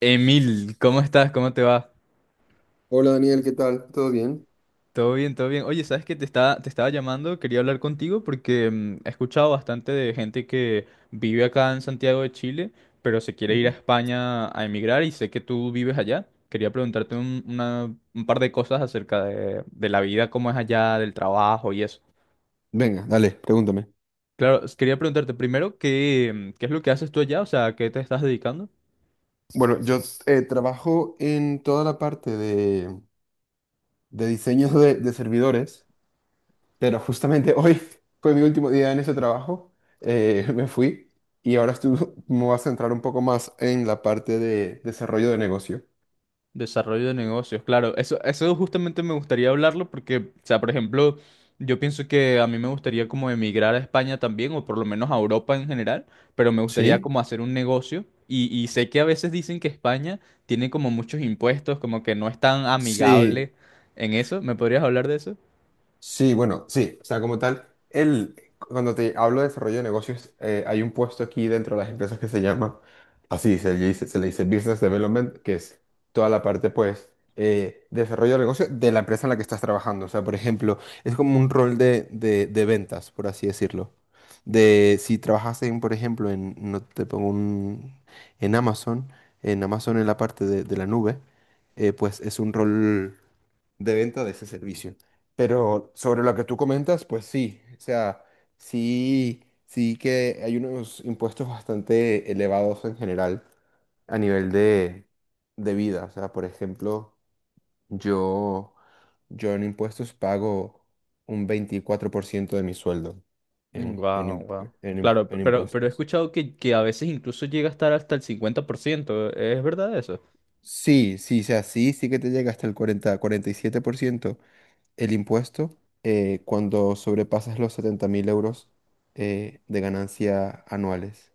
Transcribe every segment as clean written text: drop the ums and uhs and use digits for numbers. Emil, ¿cómo estás? ¿Cómo te va? Hola Daniel, ¿qué tal? ¿Todo bien? Todo bien, todo bien. Oye, ¿sabes qué? Te estaba llamando, quería hablar contigo porque he escuchado bastante de gente que vive acá en Santiago de Chile, pero se quiere ir a Ujú. España a emigrar y sé que tú vives allá. Quería preguntarte un par de cosas acerca de la vida, cómo es allá, del trabajo y eso. Venga, dale, pregúntame. Claro, quería preguntarte primero, ¿qué es lo que haces tú allá? O sea, ¿a qué te estás dedicando? Bueno, yo trabajo en toda la parte de diseños de servidores, pero justamente hoy fue mi último día en ese trabajo, me fui y ahora me voy a centrar un poco más en la parte de desarrollo de negocio. Desarrollo de negocios, claro. Eso justamente me gustaría hablarlo porque, o sea, por ejemplo, yo pienso que a mí me gustaría como emigrar a España también, o por lo menos a Europa en general, pero me gustaría ¿Sí? como hacer un negocio. Y sé que a veces dicen que España tiene como muchos impuestos, como que no es tan Sí. amigable en eso. ¿Me podrías hablar de eso? Sí, bueno, sí, o sea, como tal, cuando te hablo de desarrollo de negocios, hay un puesto aquí dentro de las empresas que se llama, así se le dice Business Development, que es toda la parte, pues, desarrollo de negocio de la empresa en la que estás trabajando. O sea, por ejemplo, es como un rol de ventas, por así decirlo. De si trabajas en, por ejemplo, en, no te pongo un, en Amazon, en Amazon en la parte de la nube, pues es un rol de venta de ese servicio. Pero sobre lo que tú comentas, pues sí, o sea, sí, sí que hay unos impuestos bastante elevados en general a nivel de vida. O sea, por ejemplo, yo, yo en impuestos pago un 24% de mi sueldo en, Wow, en, impu- wow. en imp- Claro, p- en pero, pero he impuestos. escuchado que a veces incluso llega a estar hasta el 50%. ¿Es verdad eso? Sí, sí, o sea, sí, sí que te llega hasta el 40, 47%. El impuesto cuando sobrepasas los 70.000 € de ganancia anuales.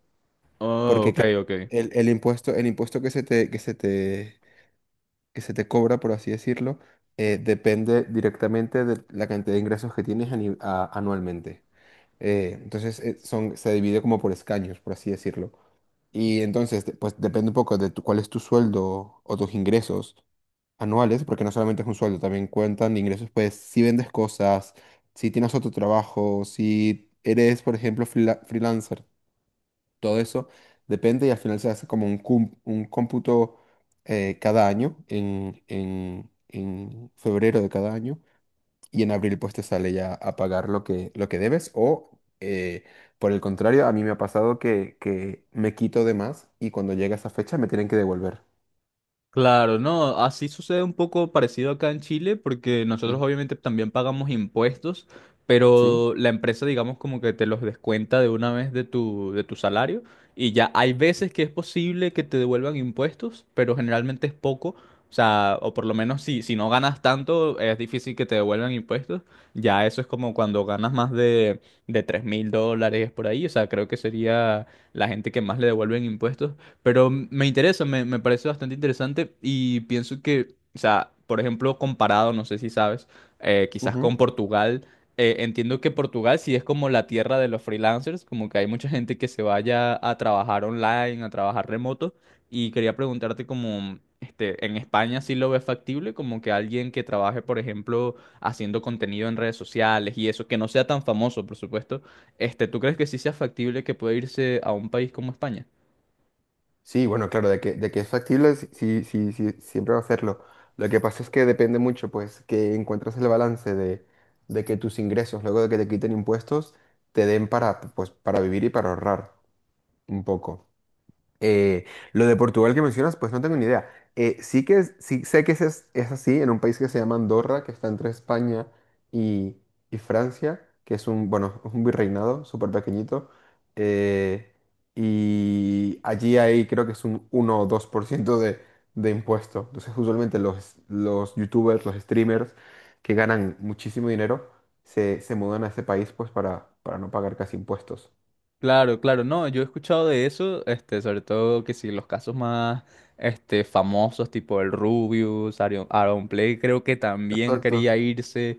Oh, Porque, ok, claro, ok. El impuesto que se te cobra, por así decirlo, depende directamente de la cantidad de ingresos que tienes anualmente. Entonces, se divide como por escaños, por así decirlo. Y entonces, pues depende un poco de cuál es tu sueldo o tus ingresos anuales, porque no solamente es un sueldo, también cuentan ingresos, pues si vendes cosas, si tienes otro trabajo, si eres, por ejemplo, freelancer, todo eso depende y al final se hace como un cómputo cada año, en febrero de cada año y en abril pues te sale ya a pagar lo que debes o eh, por el contrario, a mí me ha pasado que me quito de más y cuando llega esa fecha me tienen que devolver. Claro, no, así sucede un poco parecido acá en Chile, porque nosotros Mm. obviamente también pagamos impuestos, Sí. pero la empresa, digamos, como que te los descuenta de una vez de tu salario, y ya hay veces que es posible que te devuelvan impuestos, pero generalmente es poco, o sea, o por lo menos si no ganas tanto, es difícil que te devuelvan impuestos, ya eso es como cuando ganas más de $3,000 por ahí, o sea, creo que sería la gente que más le devuelven impuestos. Pero me interesa, me parece bastante interesante y pienso que, o sea, por ejemplo, comparado, no sé si sabes, quizás Ujú. con Portugal, entiendo que Portugal sí es como la tierra de los freelancers, como que hay mucha gente que se vaya a trabajar online, a trabajar remoto, y quería preguntarte como, este, en España sí lo ves factible, como que alguien que trabaje, por ejemplo, haciendo contenido en redes sociales y eso, que no sea tan famoso, por supuesto, este, ¿tú crees que sí sea factible que pueda irse a un país como España? Sí, bueno, claro, de que es factible, sí, sí, sí, sí, siempre va a hacerlo. Lo que pasa es que depende mucho, pues, que encuentres el balance de que tus ingresos, luego de que te quiten impuestos, te den para, pues, para vivir y para ahorrar un poco. Eh, lo de Portugal que mencionas, pues no tengo ni idea. Sí que sí sé que es así en un país que se llama Andorra, que está entre España y, y Francia, que es un, bueno, un virreinado súper pequeñito. eh, y allí hay, creo que es un 1 o 2% de impuesto. Entonces, usualmente los youtubers, los streamers que ganan muchísimo dinero, se mudan a ese país pues para no pagar casi impuestos. Claro, claro, no, yo he escuchado de eso, este, sobre todo que si los casos más, este, famosos, tipo el Rubius, Aaron, Play, creo que también quería Exacto. irse,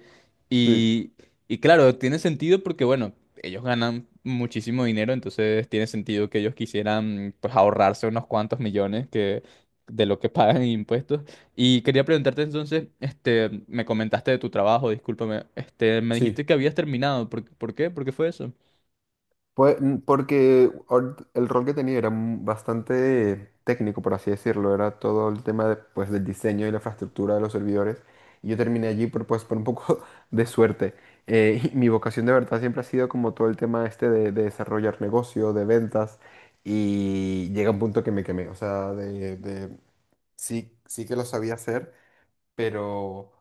Sí. y, y claro, tiene sentido porque, bueno, ellos ganan muchísimo dinero, entonces tiene sentido que ellos quisieran, pues, ahorrarse unos cuantos millones que, de lo que pagan en impuestos, y quería preguntarte entonces, este, me comentaste de tu trabajo, discúlpame, este, me Sí, dijiste que habías terminado, ¿por qué? ¿Por qué fue eso? pues, porque el rol que tenía era bastante técnico, por así decirlo, era todo el tema de, pues, del diseño y la infraestructura de los servidores. Y yo terminé allí pues, por un poco de suerte. Y mi vocación de verdad siempre ha sido como todo el tema este de desarrollar negocio, de ventas, y llega un punto que me quemé, o sea, sí, sí que lo sabía hacer, pero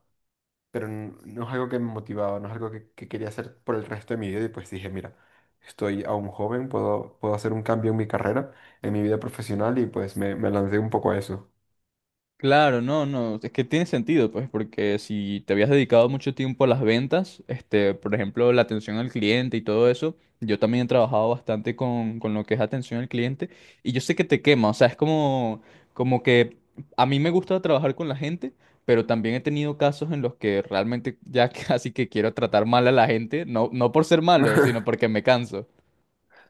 no es algo que me motivaba, no es algo que quería hacer por el resto de mi vida y pues dije, mira, estoy aún joven, puedo hacer un cambio en mi carrera, en mi vida profesional y pues me lancé un poco a eso. Claro, no, no, es que tiene sentido, pues, porque si te habías dedicado mucho tiempo a las ventas, este, por ejemplo, la atención al cliente y todo eso, yo también he trabajado bastante con lo que es atención al cliente y yo sé que te quema, o sea, es como, como que a mí me gusta trabajar con la gente, pero también he tenido casos en los que realmente ya casi que quiero tratar mal a la gente, no, no por ser malo, sino porque me canso.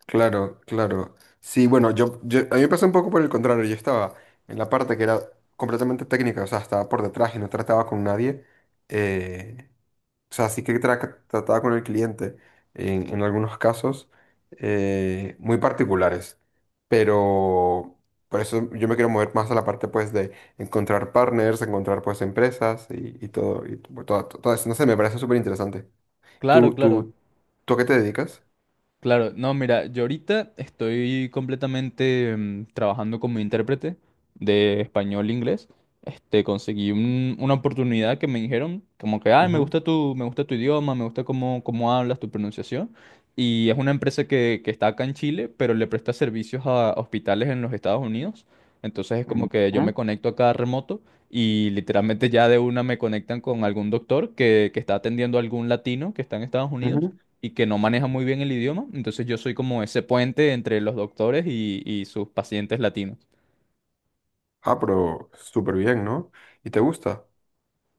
Claro, claro. Sí, bueno, a mí me pasó un poco por el contrario, yo estaba en la parte que era completamente técnica, o sea, estaba por detrás y no trataba con nadie. eh, O sea, sí que trataba con el cliente en algunos casos muy particulares, pero por eso yo me quiero mover más a la parte pues de encontrar partners, encontrar pues empresas y todo, todo eso. No sé, me parece súper interesante. Claro, ¿Tú, claro. tú, tú a qué te dedicas? Claro, no, mira, yo ahorita estoy completamente trabajando como intérprete de español-inglés. E inglés. Este, conseguí una oportunidad que me dijeron como que, ay, me Ujú. gusta tu, me gusta tu idioma, me gusta cómo hablas, tu pronunciación. Y es una empresa que está acá en Chile, pero le presta servicios a hospitales en los Estados Unidos. Entonces es Mm. como que yo me Ujú. conecto acá remoto y literalmente ya de una me conectan con algún doctor que está atendiendo a algún latino que está en Estados Unidos Ujú. y que no maneja muy bien el idioma. Entonces yo soy como ese puente entre los doctores y sus pacientes latinos. Ah, pero súper bien, ¿no? ¿Y te gusta?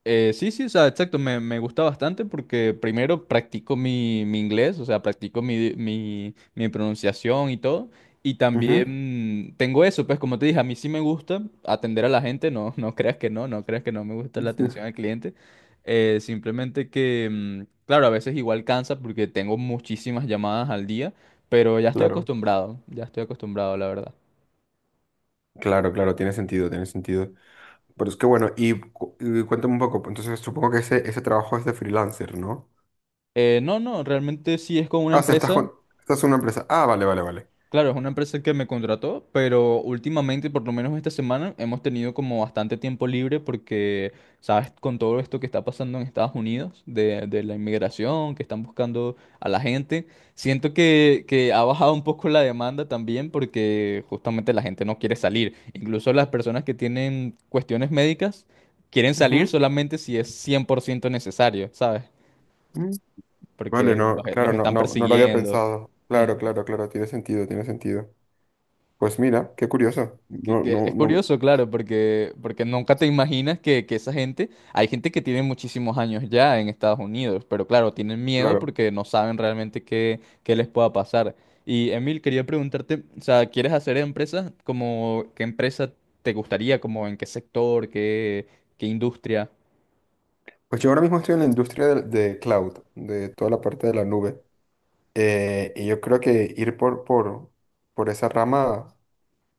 Sí, sí, o sea, exacto, me gusta bastante porque primero practico mi inglés, o sea, practico mi pronunciación y todo, y Ujú. también tengo eso, pues como te dije, a mí sí me gusta atender a la gente, no, no creas que no, no creas que no me gusta la atención al cliente, simplemente que, claro, a veces igual cansa porque tengo muchísimas llamadas al día, pero Claro, ya estoy acostumbrado, la verdad. claro, claro, tiene sentido, tiene sentido. Pero es que bueno, y cuéntame un poco, pues, entonces supongo que ese trabajo es de freelancer, ¿no? No, no, realmente sí es con una Ah, o sea, empresa. Estás en una empresa. Ah, vale, vale, vale. Claro, es una empresa que me contrató, pero últimamente, por lo menos esta semana, hemos tenido como bastante tiempo libre porque, sabes, con todo esto que está pasando en Estados Unidos, de la inmigración, que están buscando a la gente, siento que ha bajado un poco la demanda también porque justamente la gente no quiere salir. Incluso las personas que tienen cuestiones médicas quieren salir Ujú, solamente si es 100% necesario, ¿sabes? mm. Vale, Porque no, los, claro, los no, están no, no lo había persiguiendo. pensado. Claro, claro, claro, tiene sentido, tiene sentido. Pues mira, qué curioso. Que, No, que no, es no, curioso, claro, porque nunca te imaginas que esa gente, hay gente que tiene muchísimos años ya en Estados Unidos, pero claro, tienen miedo claro. porque no saben realmente qué les pueda pasar. Y Emil, quería preguntarte, o sea, ¿quieres hacer empresas? Como, ¿qué empresa te gustaría? Como, ¿en qué sector? ¿Qué industria? Pues yo ahora mismo estoy en la industria de cloud, de toda la parte de la nube. Y yo creo que ir por esa rama,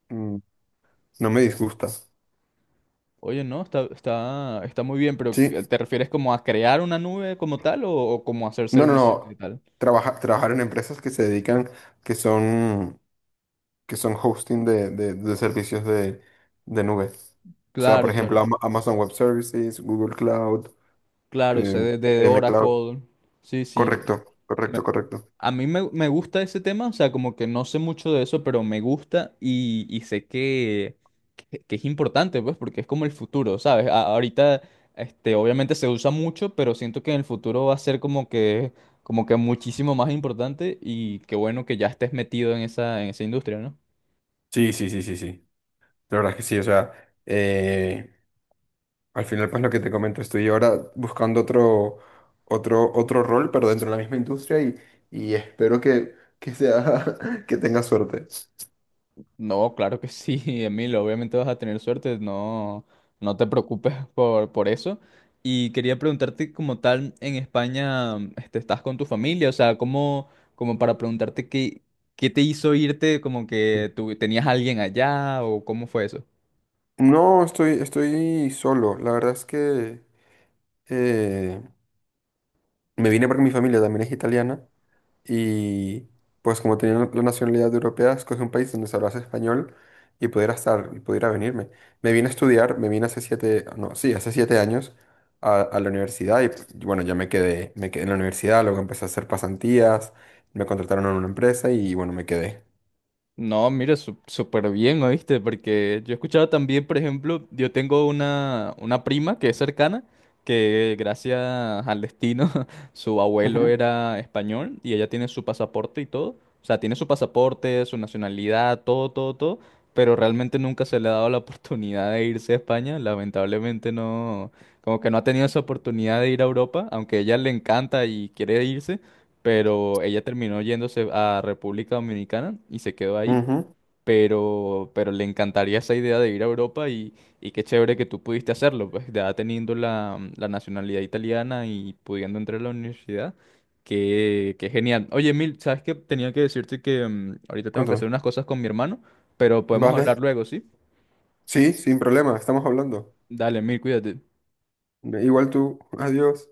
mm, no me disgusta. Oye, no, está muy bien, pero Sí, ¿te refieres como a crear una nube como tal o como hacer no, no, servicios y no. tal? Trabajar en empresas que se dedican, que son, que son hosting de servicios de nube. O sea, por Claro, ejemplo, claro, Amazon Web Services, Google Cloud, claro, sé de IBM Cloud. Oracle. Sí, sí. Correcto, Me- correcto, correcto. A mí me gusta ese tema, o sea, como que no sé mucho de eso, pero me gusta y sé que es importante, pues, porque es como el futuro, ¿sabes? Ahorita, este, obviamente se usa mucho, pero siento que en el futuro va a ser como que muchísimo más importante y qué bueno que ya estés metido en esa, industria, ¿no? Sí, sí, sí, sí, sí. La verdad es que sí. O sea, eh, al final, pues lo que te comento, estoy ahora buscando otro rol, pero dentro de la misma industria y espero que sea, que tenga suerte. No, claro que sí, Emilio, obviamente vas a tener suerte, no, no te preocupes por eso. Y quería preguntarte como tal, en España, este, ¿estás con tu familia? O sea, como para preguntarte qué te hizo irte, como que tú tenías a alguien allá o cómo fue eso? No, estoy solo. La verdad es que eh, me vine porque mi familia también es italiana y pues como tenía la nacionalidad europea, escogí un país donde se hablase español y pudiera estar y pudiera venirme. Me vine a estudiar, me vine no, sí, hace 7 años a la universidad y pues, bueno, ya me quedé, en la universidad, luego empecé a hacer pasantías, me contrataron en una empresa y bueno, me quedé. No, mira, súper bien, ¿oíste? Porque yo he escuchado también, por ejemplo, yo tengo una prima que es cercana, que gracias al destino, su abuelo Ujú, era español y ella tiene su pasaporte y todo. O sea, tiene su pasaporte, su nacionalidad, todo, todo, todo, pero realmente nunca se le ha dado la oportunidad de irse a España. Lamentablemente no, como que no ha tenido esa oportunidad de ir a Europa, aunque a ella le encanta y quiere irse pero ella terminó yéndose a República Dominicana y se quedó ahí, ujú. pero le encantaría esa idea de ir a Europa y qué chévere que tú pudiste hacerlo, pues ya teniendo la nacionalidad italiana y pudiendo entrar a la universidad, que genial. Oye, Emil, ¿sabes qué? Tenía que decirte que ahorita tengo que hacer Cuéntame. unas cosas con mi hermano, pero podemos hablar Vale. luego, ¿sí? Sí, sin problema, estamos hablando. Dale, Emil, cuídate. Igual tú, adiós.